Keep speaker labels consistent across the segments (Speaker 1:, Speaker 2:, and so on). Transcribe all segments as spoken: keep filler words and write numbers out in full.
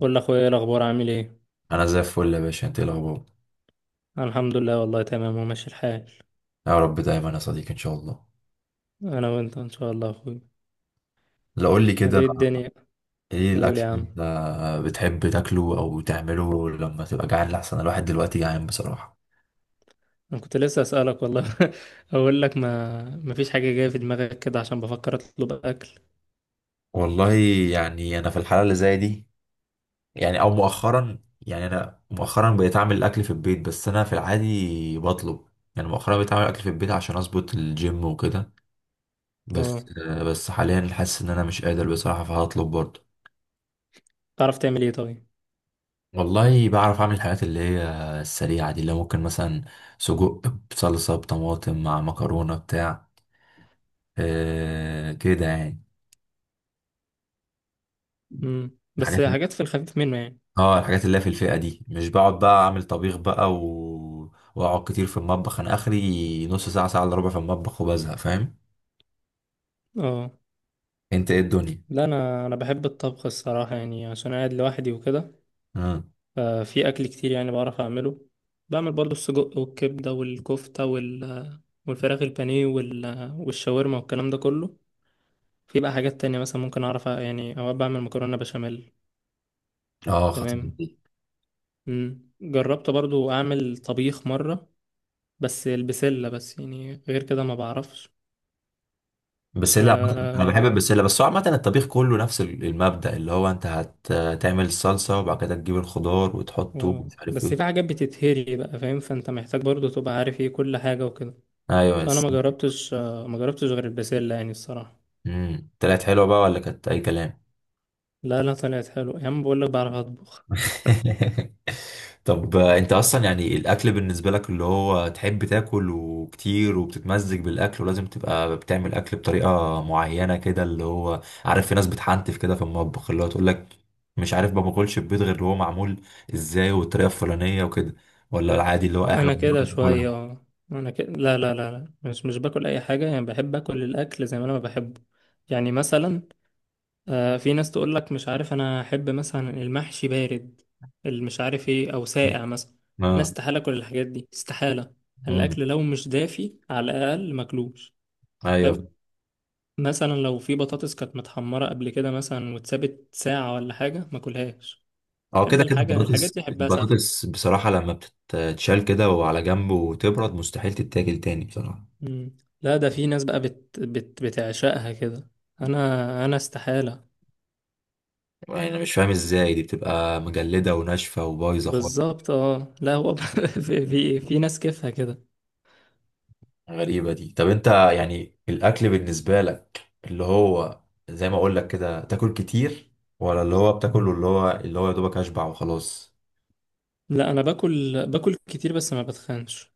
Speaker 1: قول لاخويا ايه الاخبار عامل ايه.
Speaker 2: انا زي الفل يا باشا. انت إيه الاخبار؟
Speaker 1: أنا الحمد لله والله تمام وماشي الحال.
Speaker 2: يا رب دايما يا صديقي ان شاء الله.
Speaker 1: انا وانت ان شاء الله يا اخويا.
Speaker 2: لا قول لي كده.
Speaker 1: ليه الدنيا.
Speaker 2: ايه
Speaker 1: قول
Speaker 2: الاكل
Speaker 1: يا
Speaker 2: اللي
Speaker 1: عم،
Speaker 2: انت بتحب تاكله او تعمله لما تبقى جعان؟ لحسن الواحد دلوقتي جعان بصراحه.
Speaker 1: انا كنت لسه اسالك والله. اقول لك ما ما فيش حاجه جايه في دماغك كده عشان بفكر اطلب اكل.
Speaker 2: والله، يعني انا في الحاله اللي زي دي، يعني او مؤخرا، يعني انا مؤخرا بقيت اعمل الاكل في البيت بس انا في العادي بطلب. يعني مؤخرا بقيت اعمل اكل في البيت عشان اظبط الجيم وكده.
Speaker 1: اه،
Speaker 2: بس بس حاليا حاسس ان انا مش قادر بصراحه، فهطلب برضه.
Speaker 1: تعرف تعمل ايه طيب؟
Speaker 2: والله بعرف اعمل الحاجات اللي هي السريعه دي، اللي ممكن مثلا سجق بصلصه بطماطم مع مكرونه بتاع. آه كده يعني.
Speaker 1: امم بس
Speaker 2: الحاجات،
Speaker 1: حاجات في الخفيف منه يعني.
Speaker 2: اه الحاجات اللي هي في الفئه دي. مش بقعد بقى اعمل طبيخ بقى و... واقعد كتير في المطبخ. انا اخري نص ساعه، ساعه الا ربع في المطبخ وبزهق، فاهم؟
Speaker 1: اه
Speaker 2: انت ايه الدنيا؟
Speaker 1: لا، انا انا بحب الطبخ الصراحه يعني عشان قاعد لوحدي وكده.
Speaker 2: مم.
Speaker 1: ففي أكل كتير يعني بعرف أعمله، بعمل برضو السجق والكبدة والكفتة وال... والفراخ البانيه وال... والشاورما والكلام ده كله. في بقى حاجات تانية مثلا ممكن أعرف أ- يعني أوقات بعمل مكرونة بشاميل.
Speaker 2: اه خطير
Speaker 1: تمام.
Speaker 2: دي.
Speaker 1: مم. جربت برضو أعمل طبيخ مرة، بس البسلة بس يعني، غير كده ما بعرفش.
Speaker 2: بسله عامة- انا بحب
Speaker 1: آه...
Speaker 2: البسله، بس هو عامه الطبيخ كله نفس ال- المبدأ، اللي هو انت هتعمل الصلصه وبعد كده تجيب الخضار وتحطه
Speaker 1: آه،
Speaker 2: ومش عارف
Speaker 1: بس في
Speaker 2: ايه.
Speaker 1: حاجات بتتهري بقى، فاهم؟ فأنت محتاج برضو تبقى عارف ايه كل حاجة وكده.
Speaker 2: ايوه.
Speaker 1: فأنا ما جربتش، آه، ما جربتش غير البسلة يعني الصراحة.
Speaker 2: امم، طلعت حلوه بقى ولا كانت اي كلام؟
Speaker 1: لا لا، طلعت حلو يا عم، بقول لك بعرف اطبخ.
Speaker 2: طب آه، انت اصلا يعني الاكل بالنسبه لك اللي هو تحب تاكل وكتير وبتتمزج بالاكل ولازم تبقى بتعمل اكل بطريقه معينه كده، اللي هو عارف في ناس بتحنتف كده في المطبخ، اللي هو تقول لك مش عارف ما باكلش البيض غير اللي هو معمول ازاي والطريقه الفلانيه وكده، ولا العادي اللي هو اي حاجه
Speaker 1: انا كده
Speaker 2: ممكن
Speaker 1: شويه
Speaker 2: تاكلها؟
Speaker 1: اه. انا كده، لا لا لا لا، مش مش باكل اي حاجه، يعني بحب اكل الاكل زي ما انا ما بحبه. يعني مثلا، آه، في ناس تقول لك مش عارف، انا احب مثلا المحشي بارد، اللي مش عارف ايه، او ساقع مثلا. انا
Speaker 2: اه.
Speaker 1: استحاله اكل الحاجات دي استحاله.
Speaker 2: امم.
Speaker 1: الاكل لو مش دافي على الاقل ماكلوش.
Speaker 2: ايوه.
Speaker 1: حلو. مثلا لو في بطاطس كانت متحمره قبل كده مثلا واتسابت ساعه ولا حاجه ماكلهاش.
Speaker 2: اه
Speaker 1: احب
Speaker 2: كده كده،
Speaker 1: الحاجه الحاجات
Speaker 2: البطاطس
Speaker 1: دي احبها ساخنه.
Speaker 2: البطاطس بصراحة لما بتتشال كده وعلى جنب وتبرد مستحيل تتاكل تاني بصراحة.
Speaker 1: مم. لا، ده في ناس بقى بت... بت... بتعشقها كده. انا انا استحالة.
Speaker 2: يعني انا مش فاهم ازاي دي بتبقى مجلدة وناشفة وبايظة خالص.
Speaker 1: بالظبط اه، لا هو في... في في ناس كيفها كده.
Speaker 2: غريبة دي. طب انت يعني الاكل بالنسبة لك اللي هو زي ما اقول لك كده تاكل كتير، ولا اللي هو بتاكله اللي هو اللي هو يا دوبك اشبع وخلاص؟
Speaker 1: لا انا باكل باكل كتير بس ما بتخنش.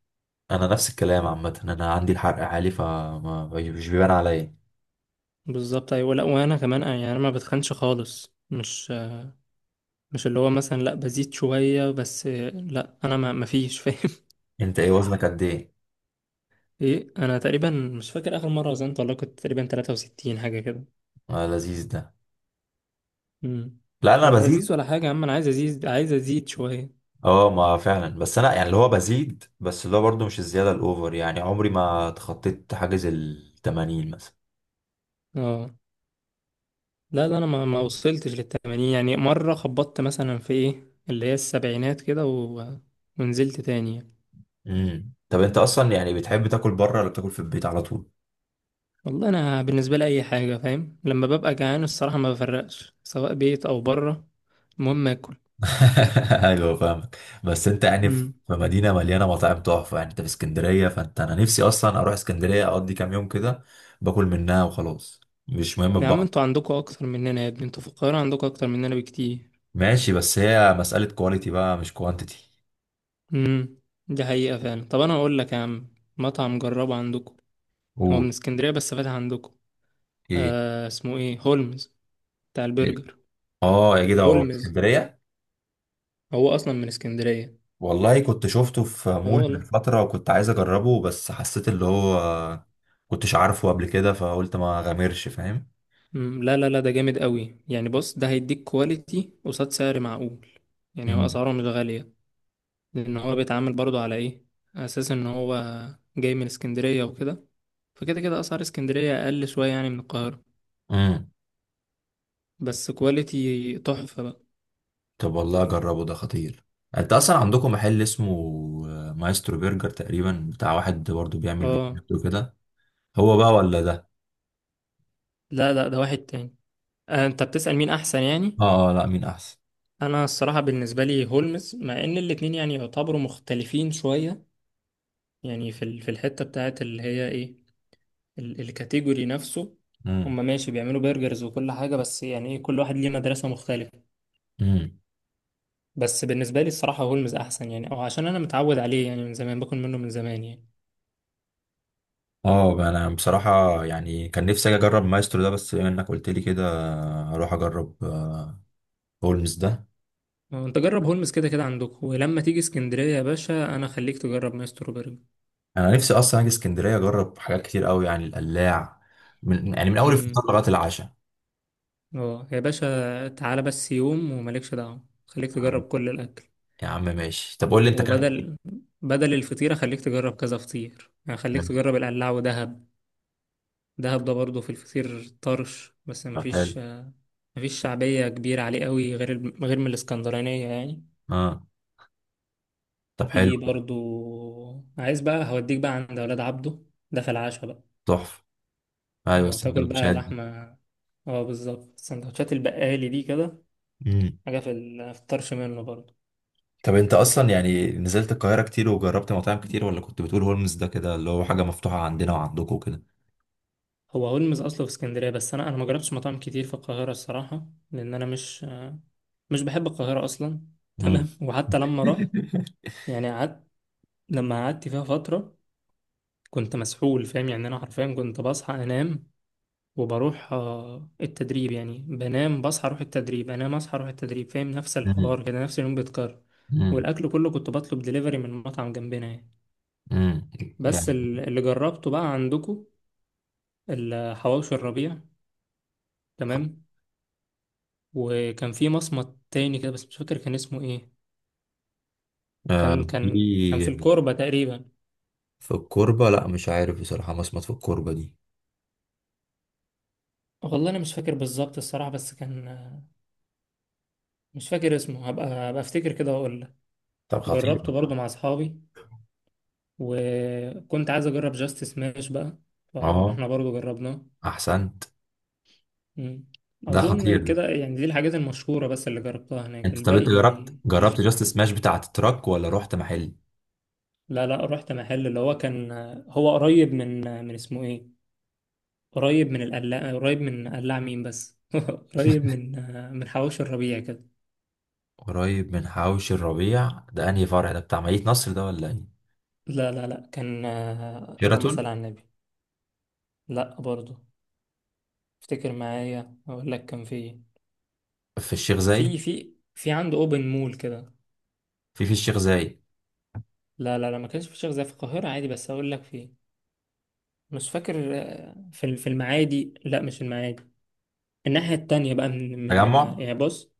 Speaker 2: انا نفس الكلام عامة، انا عندي الحرق عالي فمش بيبان عليا.
Speaker 1: بالظبط ايوه، لا وانا كمان آه، يعني انا ما بتخنش خالص، مش مش اللي هو مثلا، لا بزيد شوية بس آه، لا انا ما ما فيش فاهم.
Speaker 2: انت ايه وزنك قد ايه؟
Speaker 1: ايه، انا تقريبا مش فاكر اخر مرة وزنت والله، كنت تقريبا ثلاثة وستين حاجة كده.
Speaker 2: آه لذيذ ده.
Speaker 1: مم.
Speaker 2: لا انا
Speaker 1: ولا ازيد
Speaker 2: بزيد.
Speaker 1: ولا حاجة يا عم، انا عايز ازيد، عايز ازيد شوية.
Speaker 2: اه ما فعلا، بس انا يعني اللي هو بزيد، بس اللي هو برضه مش الزياده الاوفر. يعني عمري ما تخطيت حاجز ال الثمانين مثلا.
Speaker 1: اه لا لا، انا ما ما وصلتش للتمانين، يعني مره خبطت مثلا في ايه اللي هي السبعينات كده و... ونزلت تاني يعني.
Speaker 2: امم، طب انت اصلا يعني بتحب تاكل بره ولا بتاكل في البيت على طول؟
Speaker 1: والله انا بالنسبه لي اي حاجه، فاهم؟ لما ببقى جعان الصراحه ما بفرقش سواء بيت او بره، المهم اكل.
Speaker 2: ايوه فاهمك. بس انت يعني في
Speaker 1: امم.
Speaker 2: في مدينه مليانه مطاعم تحفه، يعني انت في اسكندريه. فانت، انا نفسي اصلا اروح اسكندريه اقضي كام يوم كده، باكل منها وخلاص. مش مهم
Speaker 1: يا عم
Speaker 2: بقى.
Speaker 1: انتوا عندكوا اكتر مننا يا ابني، انتوا في القاهره عندكوا اكتر مننا بكتير.
Speaker 2: ماشي، بس هي مساله كواليتي بقى مش كوانتيتي.
Speaker 1: امم، دي حقيقه فعلا. طب انا اقول لك يا عم مطعم جربه عندكوا، هو من
Speaker 2: قول.
Speaker 1: اسكندريه بس فاتح عندكوا.
Speaker 2: ايه.
Speaker 1: آه اسمه ايه، هولمز، بتاع
Speaker 2: إيه؟
Speaker 1: البرجر.
Speaker 2: اه يا جدع، هو
Speaker 1: هولمز،
Speaker 2: اسكندريه.
Speaker 1: هو اصلا من اسكندريه.
Speaker 2: والله كنت شفته في
Speaker 1: اه
Speaker 2: مول من
Speaker 1: والله.
Speaker 2: فترة وكنت عايز أجربه، بس حسيت اللي هو كنتش عارفه قبل كده، فقلت ما غامرش، فاهم؟
Speaker 1: مم، لا لا لا، ده جامد قوي يعني. بص، ده هيديك كواليتي قصاد سعر معقول، يعني هو
Speaker 2: امم.
Speaker 1: اسعاره مش غالية، لان هو بيتعامل برضو على ايه، اساس ان هو جاي من اسكندرية وكده، فكده كده اسعار اسكندرية اقل شوية يعني من القاهرة،
Speaker 2: امم.
Speaker 1: بس كواليتي تحفة بقى.
Speaker 2: طب والله أجربه، ده خطير. أنت أصلا عندكم محل اسمه مايسترو برجر تقريبا، بتاع واحد برضه بيعمل
Speaker 1: اه
Speaker 2: فيديوهات وكده. هو بقى ولا ده؟
Speaker 1: لا لا، ده واحد تاني. آه، انت بتسأل مين احسن يعني.
Speaker 2: آه آه، لا مين أحسن.
Speaker 1: انا الصراحة بالنسبة لي هولمز، مع ان الاتنين يعني يعتبروا مختلفين شوية، يعني في ال- في الحتة بتاعت اللي هي ايه، ال- الكاتيجوري نفسه. هم
Speaker 2: امم.
Speaker 1: ماشي بيعملوا برجرز وكل حاجة، بس يعني ايه، كل واحد ليه مدرسة مختلفة.
Speaker 2: امم.
Speaker 1: بس بالنسبة لي الصراحة هولمز أحسن، يعني أو عشان أنا متعود عليه يعني، من زمان باكل منه من زمان يعني.
Speaker 2: اه بقى انا بصراحة يعني كان نفسي اجي اجرب مايسترو ده، بس بما انك قلت لي كده هروح اجرب آه، هولمز ده.
Speaker 1: أه، أنت جرب هولمز كده كده عندك، ولما تيجي اسكندرية يا باشا أنا خليك تجرب مايسترو برجر.
Speaker 2: انا نفسي اصلا اجي اسكندريه اجرب حاجات كتير قوي، يعني القلاع، من يعني من اول
Speaker 1: أمم.
Speaker 2: الفطار لغايه العشاء.
Speaker 1: أه يا باشا تعالى بس يوم ومالكش دعوة، خليك
Speaker 2: يا عم.
Speaker 1: تجرب كل الأكل.
Speaker 2: يا عم ماشي، طب قول لي انت اكلت ايه.
Speaker 1: وبدل، بدل الفطيرة خليك تجرب كذا فطير، يعني خليك
Speaker 2: ماشي.
Speaker 1: تجرب القلاع ودهب. دهب ده برضه في الفطير طرش، بس
Speaker 2: طب حلو.
Speaker 1: مفيش، مفيش شعبية كبيرة عليه قوي غير ال- غير من الإسكندرانية يعني.
Speaker 2: اه. طب حلو
Speaker 1: في
Speaker 2: كده.
Speaker 1: برضو، عايز بقى هوديك بقى عند أولاد عبده، ده في العشاء بقى،
Speaker 2: تحفه. ايوه
Speaker 1: وتاكل بقى
Speaker 2: السندوتشات دي.
Speaker 1: لحمة. اه بالظبط، سندوتشات البقالي دي كده.
Speaker 2: امم،
Speaker 1: حاجة في ال- في الطرش منه برضو.
Speaker 2: طب انت اصلا يعني نزلت القاهره كتير وجربت مطاعم كتير، ولا كنت بتقول هولمز ده كده اللي هو حاجه مفتوحه عندنا وعندكم كده؟
Speaker 1: هو هولمز أصله في اسكندرية، بس أنا، أنا ما جربتش مطاعم كتير في القاهرة الصراحة، لأن أنا مش، مش بحب القاهرة أصلا.
Speaker 2: امم.
Speaker 1: تمام. وحتى لما رحت يعني قعدت، لما قعدت فيها فترة كنت مسحول، فاهم؟ يعني أنا حرفيا كنت بصحى أنام، وبروح آه، التدريب، يعني بنام بصحى اروح التدريب، انام اصحى اروح التدريب، فاهم؟ نفس
Speaker 2: امم.
Speaker 1: الحوار كده، نفس اليوم بيتكرر.
Speaker 2: امم.
Speaker 1: والاكل كله كنت بطلب دليفري من مطعم جنبنا يعني.
Speaker 2: امم.
Speaker 1: بس
Speaker 2: يعني
Speaker 1: ال- اللي جربته بقى عندكم، الحواوشي الربيع، تمام، وكان في مصمت تاني كده، بس مش فاكر كان اسمه ايه.
Speaker 2: آه
Speaker 1: كان
Speaker 2: في
Speaker 1: كان كان في الكوربة تقريبا.
Speaker 2: في الكوربه، لا مش عارف بصراحه مصمت في الكوربه دي.
Speaker 1: والله انا مش فاكر بالظبط الصراحة، بس كان آه، مش فاكر اسمه، هبقى هبقى افتكر كده واقول لك.
Speaker 2: طب خطير
Speaker 1: جربته برضو
Speaker 2: والله.
Speaker 1: مع اصحابي، وكنت عايز اجرب جاست سماش بقى،
Speaker 2: اه.
Speaker 1: فاحنا برضو جربناه.
Speaker 2: احسنت.
Speaker 1: مم.
Speaker 2: ده خطير
Speaker 1: اظن
Speaker 2: ده.
Speaker 1: كده يعني، دي الحاجات المشهوره بس اللي جربتها هناك،
Speaker 2: انت، طب انت جربت
Speaker 1: الباقي مش
Speaker 2: جربت جاست
Speaker 1: يعني.
Speaker 2: سماش بتاعة التراك ولا رحت محل؟
Speaker 1: لا لا، رحت محل اللي هو كان، هو قريب من، من اسمه ايه، قريب من القلاع، قريب من قلاع مين بس قريب من، من حواوشي الربيع كده.
Speaker 2: قريب من حوش الربيع ده، انهي فرع ده؟ بتاع مدينة نصر ده ولا ايه؟
Speaker 1: لا لا لا، كان، اللهم صل
Speaker 2: شيراتون؟
Speaker 1: على النبي، لا برضو، افتكر معايا اقول لك كان في إيه.
Speaker 2: في الشيخ
Speaker 1: في
Speaker 2: زايد؟
Speaker 1: في في عنده اوبن مول كده.
Speaker 2: في في الشيخ زايد؟
Speaker 1: لا لا لا، ما كانش في شيخ زي في القاهرة عادي، بس هقول لك فين. مش فاكر آه، في في المعادي، لا مش المعادي، الناحية التانية بقى من من آه،
Speaker 2: تجمع؟
Speaker 1: يعني بص،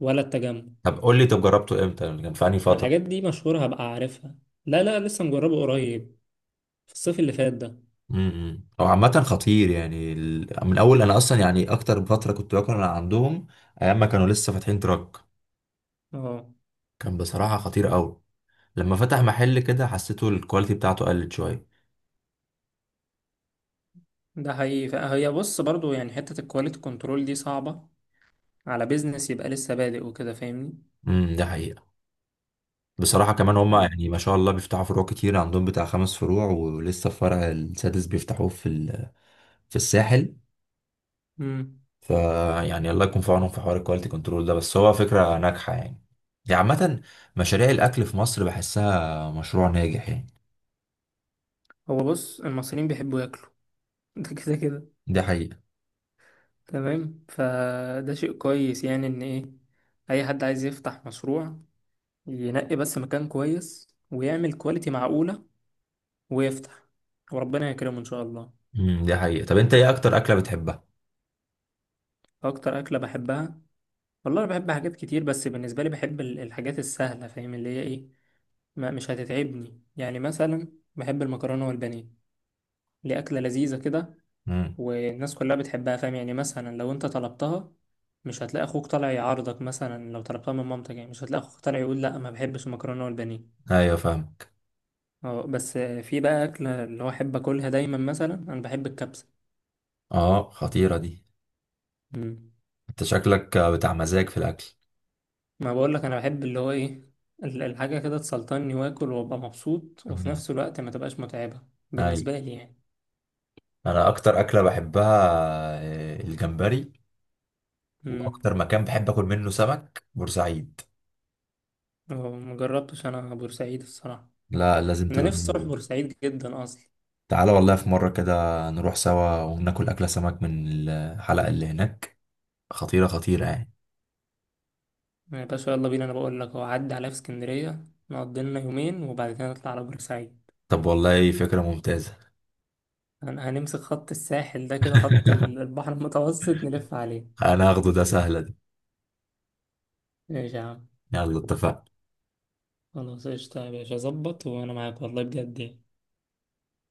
Speaker 1: ولا التجمع.
Speaker 2: طب قول لي، طب جربته امتى يعني، كان في انهي
Speaker 1: ما
Speaker 2: فترة؟
Speaker 1: الحاجات دي مشهورة هبقى عارفها. لا لا، لسه مجربه قريب، في الصيف اللي فات ده.
Speaker 2: امم. هو عامة خطير، يعني ال- من اول، انا اصلا يعني اكتر فترة كنت باكل انا عندهم ايام ما كانوا لسه فاتحين تراك.
Speaker 1: اه،
Speaker 2: كان بصراحة خطير قوي، لما فتح محل كده حسيته الكواليتي بتاعته قلت شوية.
Speaker 1: ده حقيقي، هي بص برضو يعني حتة الكواليتي كنترول دي صعبة، على بيزنس يبقى لسه بادئ وكده، فاهمني؟
Speaker 2: امم. ده حقيقة. بصراحة كمان هما يعني ما شاء الله بيفتحوا فروع كتير عندهم، بتاع خمس فروع ولسه الفرع السادس بيفتحوه في ال- في الساحل.
Speaker 1: امم،
Speaker 2: فيعني الله يكون في عونهم في حوار الكواليتي كنترول ده، بس هو فكرة ناجحة يعني دي عامة. مشاريع الأكل في مصر بحسها مشروع ناجح يعني.
Speaker 1: هو بص المصريين بيحبوا ياكلوا ده كده كده.
Speaker 2: دي حقيقة.
Speaker 1: تمام، فده شيء كويس يعني، ان ايه، اي حد عايز يفتح مشروع ينقي بس مكان كويس ويعمل كواليتي معقولة، ويفتح، وربنا يكرمه ان شاء الله.
Speaker 2: امم، دي حقيقة. طب أنت إيه أكتر أكلة بتحبها؟
Speaker 1: اكتر اكلة بحبها، والله انا بحب حاجات كتير، بس بالنسبة لي بحب ال- الحاجات السهلة، فاهم؟ اللي هي ايه، ما مش هتتعبني يعني، مثلا بحب المكرونة والبانيه، اللي اكلة لذيذة كده،
Speaker 2: امم.
Speaker 1: والناس كلها بتحبها، فاهم؟ يعني مثلا لو انت طلبتها، مش هتلاقي اخوك طالع يعارضك، مثلا لو طلبتها من مامتك يعني مش هتلاقي اخوك طالع يقول لا ما بحبش المكرونه والبانيه.
Speaker 2: أيوة فاهمك.
Speaker 1: اه، بس في بقى اكله اللي هو احب اكلها دايما، مثلا انا بحب الكبسه.
Speaker 2: أه خطيرة دي.
Speaker 1: مم.
Speaker 2: أنت شكلك بتاع مزاج في الأكل.
Speaker 1: ما بقول لك انا بحب اللي هو ايه، ال- الحاجه كده تسلطني واكل وابقى مبسوط، وفي
Speaker 2: امم.
Speaker 1: نفس الوقت ما تبقاش متعبه،
Speaker 2: أيوة.
Speaker 1: بالنسبه لي يعني.
Speaker 2: أنا أكتر أكلة بحبها آه، الجمبري.
Speaker 1: امم.
Speaker 2: واكتر مكان بحب اكل منه سمك بورسعيد.
Speaker 1: مجربتش انا بورسعيد الصراحه،
Speaker 2: لا لازم
Speaker 1: انا نفسي اروح
Speaker 2: تجربوا.
Speaker 1: بورسعيد جدا اصلا.
Speaker 2: تعالى والله في مرة كده نروح سوا وناكل أكلة سمك من الحلقة اللي هناك، خطيرة خطيرة يعني.
Speaker 1: يا باشا يلا بينا، انا بقول لك هو عدى عليا في اسكندريه، نقضي لنا يومين وبعد كده نطلع على بورسعيد.
Speaker 2: طب والله فكرة ممتازة.
Speaker 1: هن- هنمسك خط الساحل ده كده، خط ال- البحر المتوسط، نلف عليه.
Speaker 2: أنا هاخده، ده سهلة دي.
Speaker 1: ماشي يا عم.
Speaker 2: يلا اتفقنا.
Speaker 1: خلاص قشطة يا باشا، ظبط وانا معاك والله بجد يعني.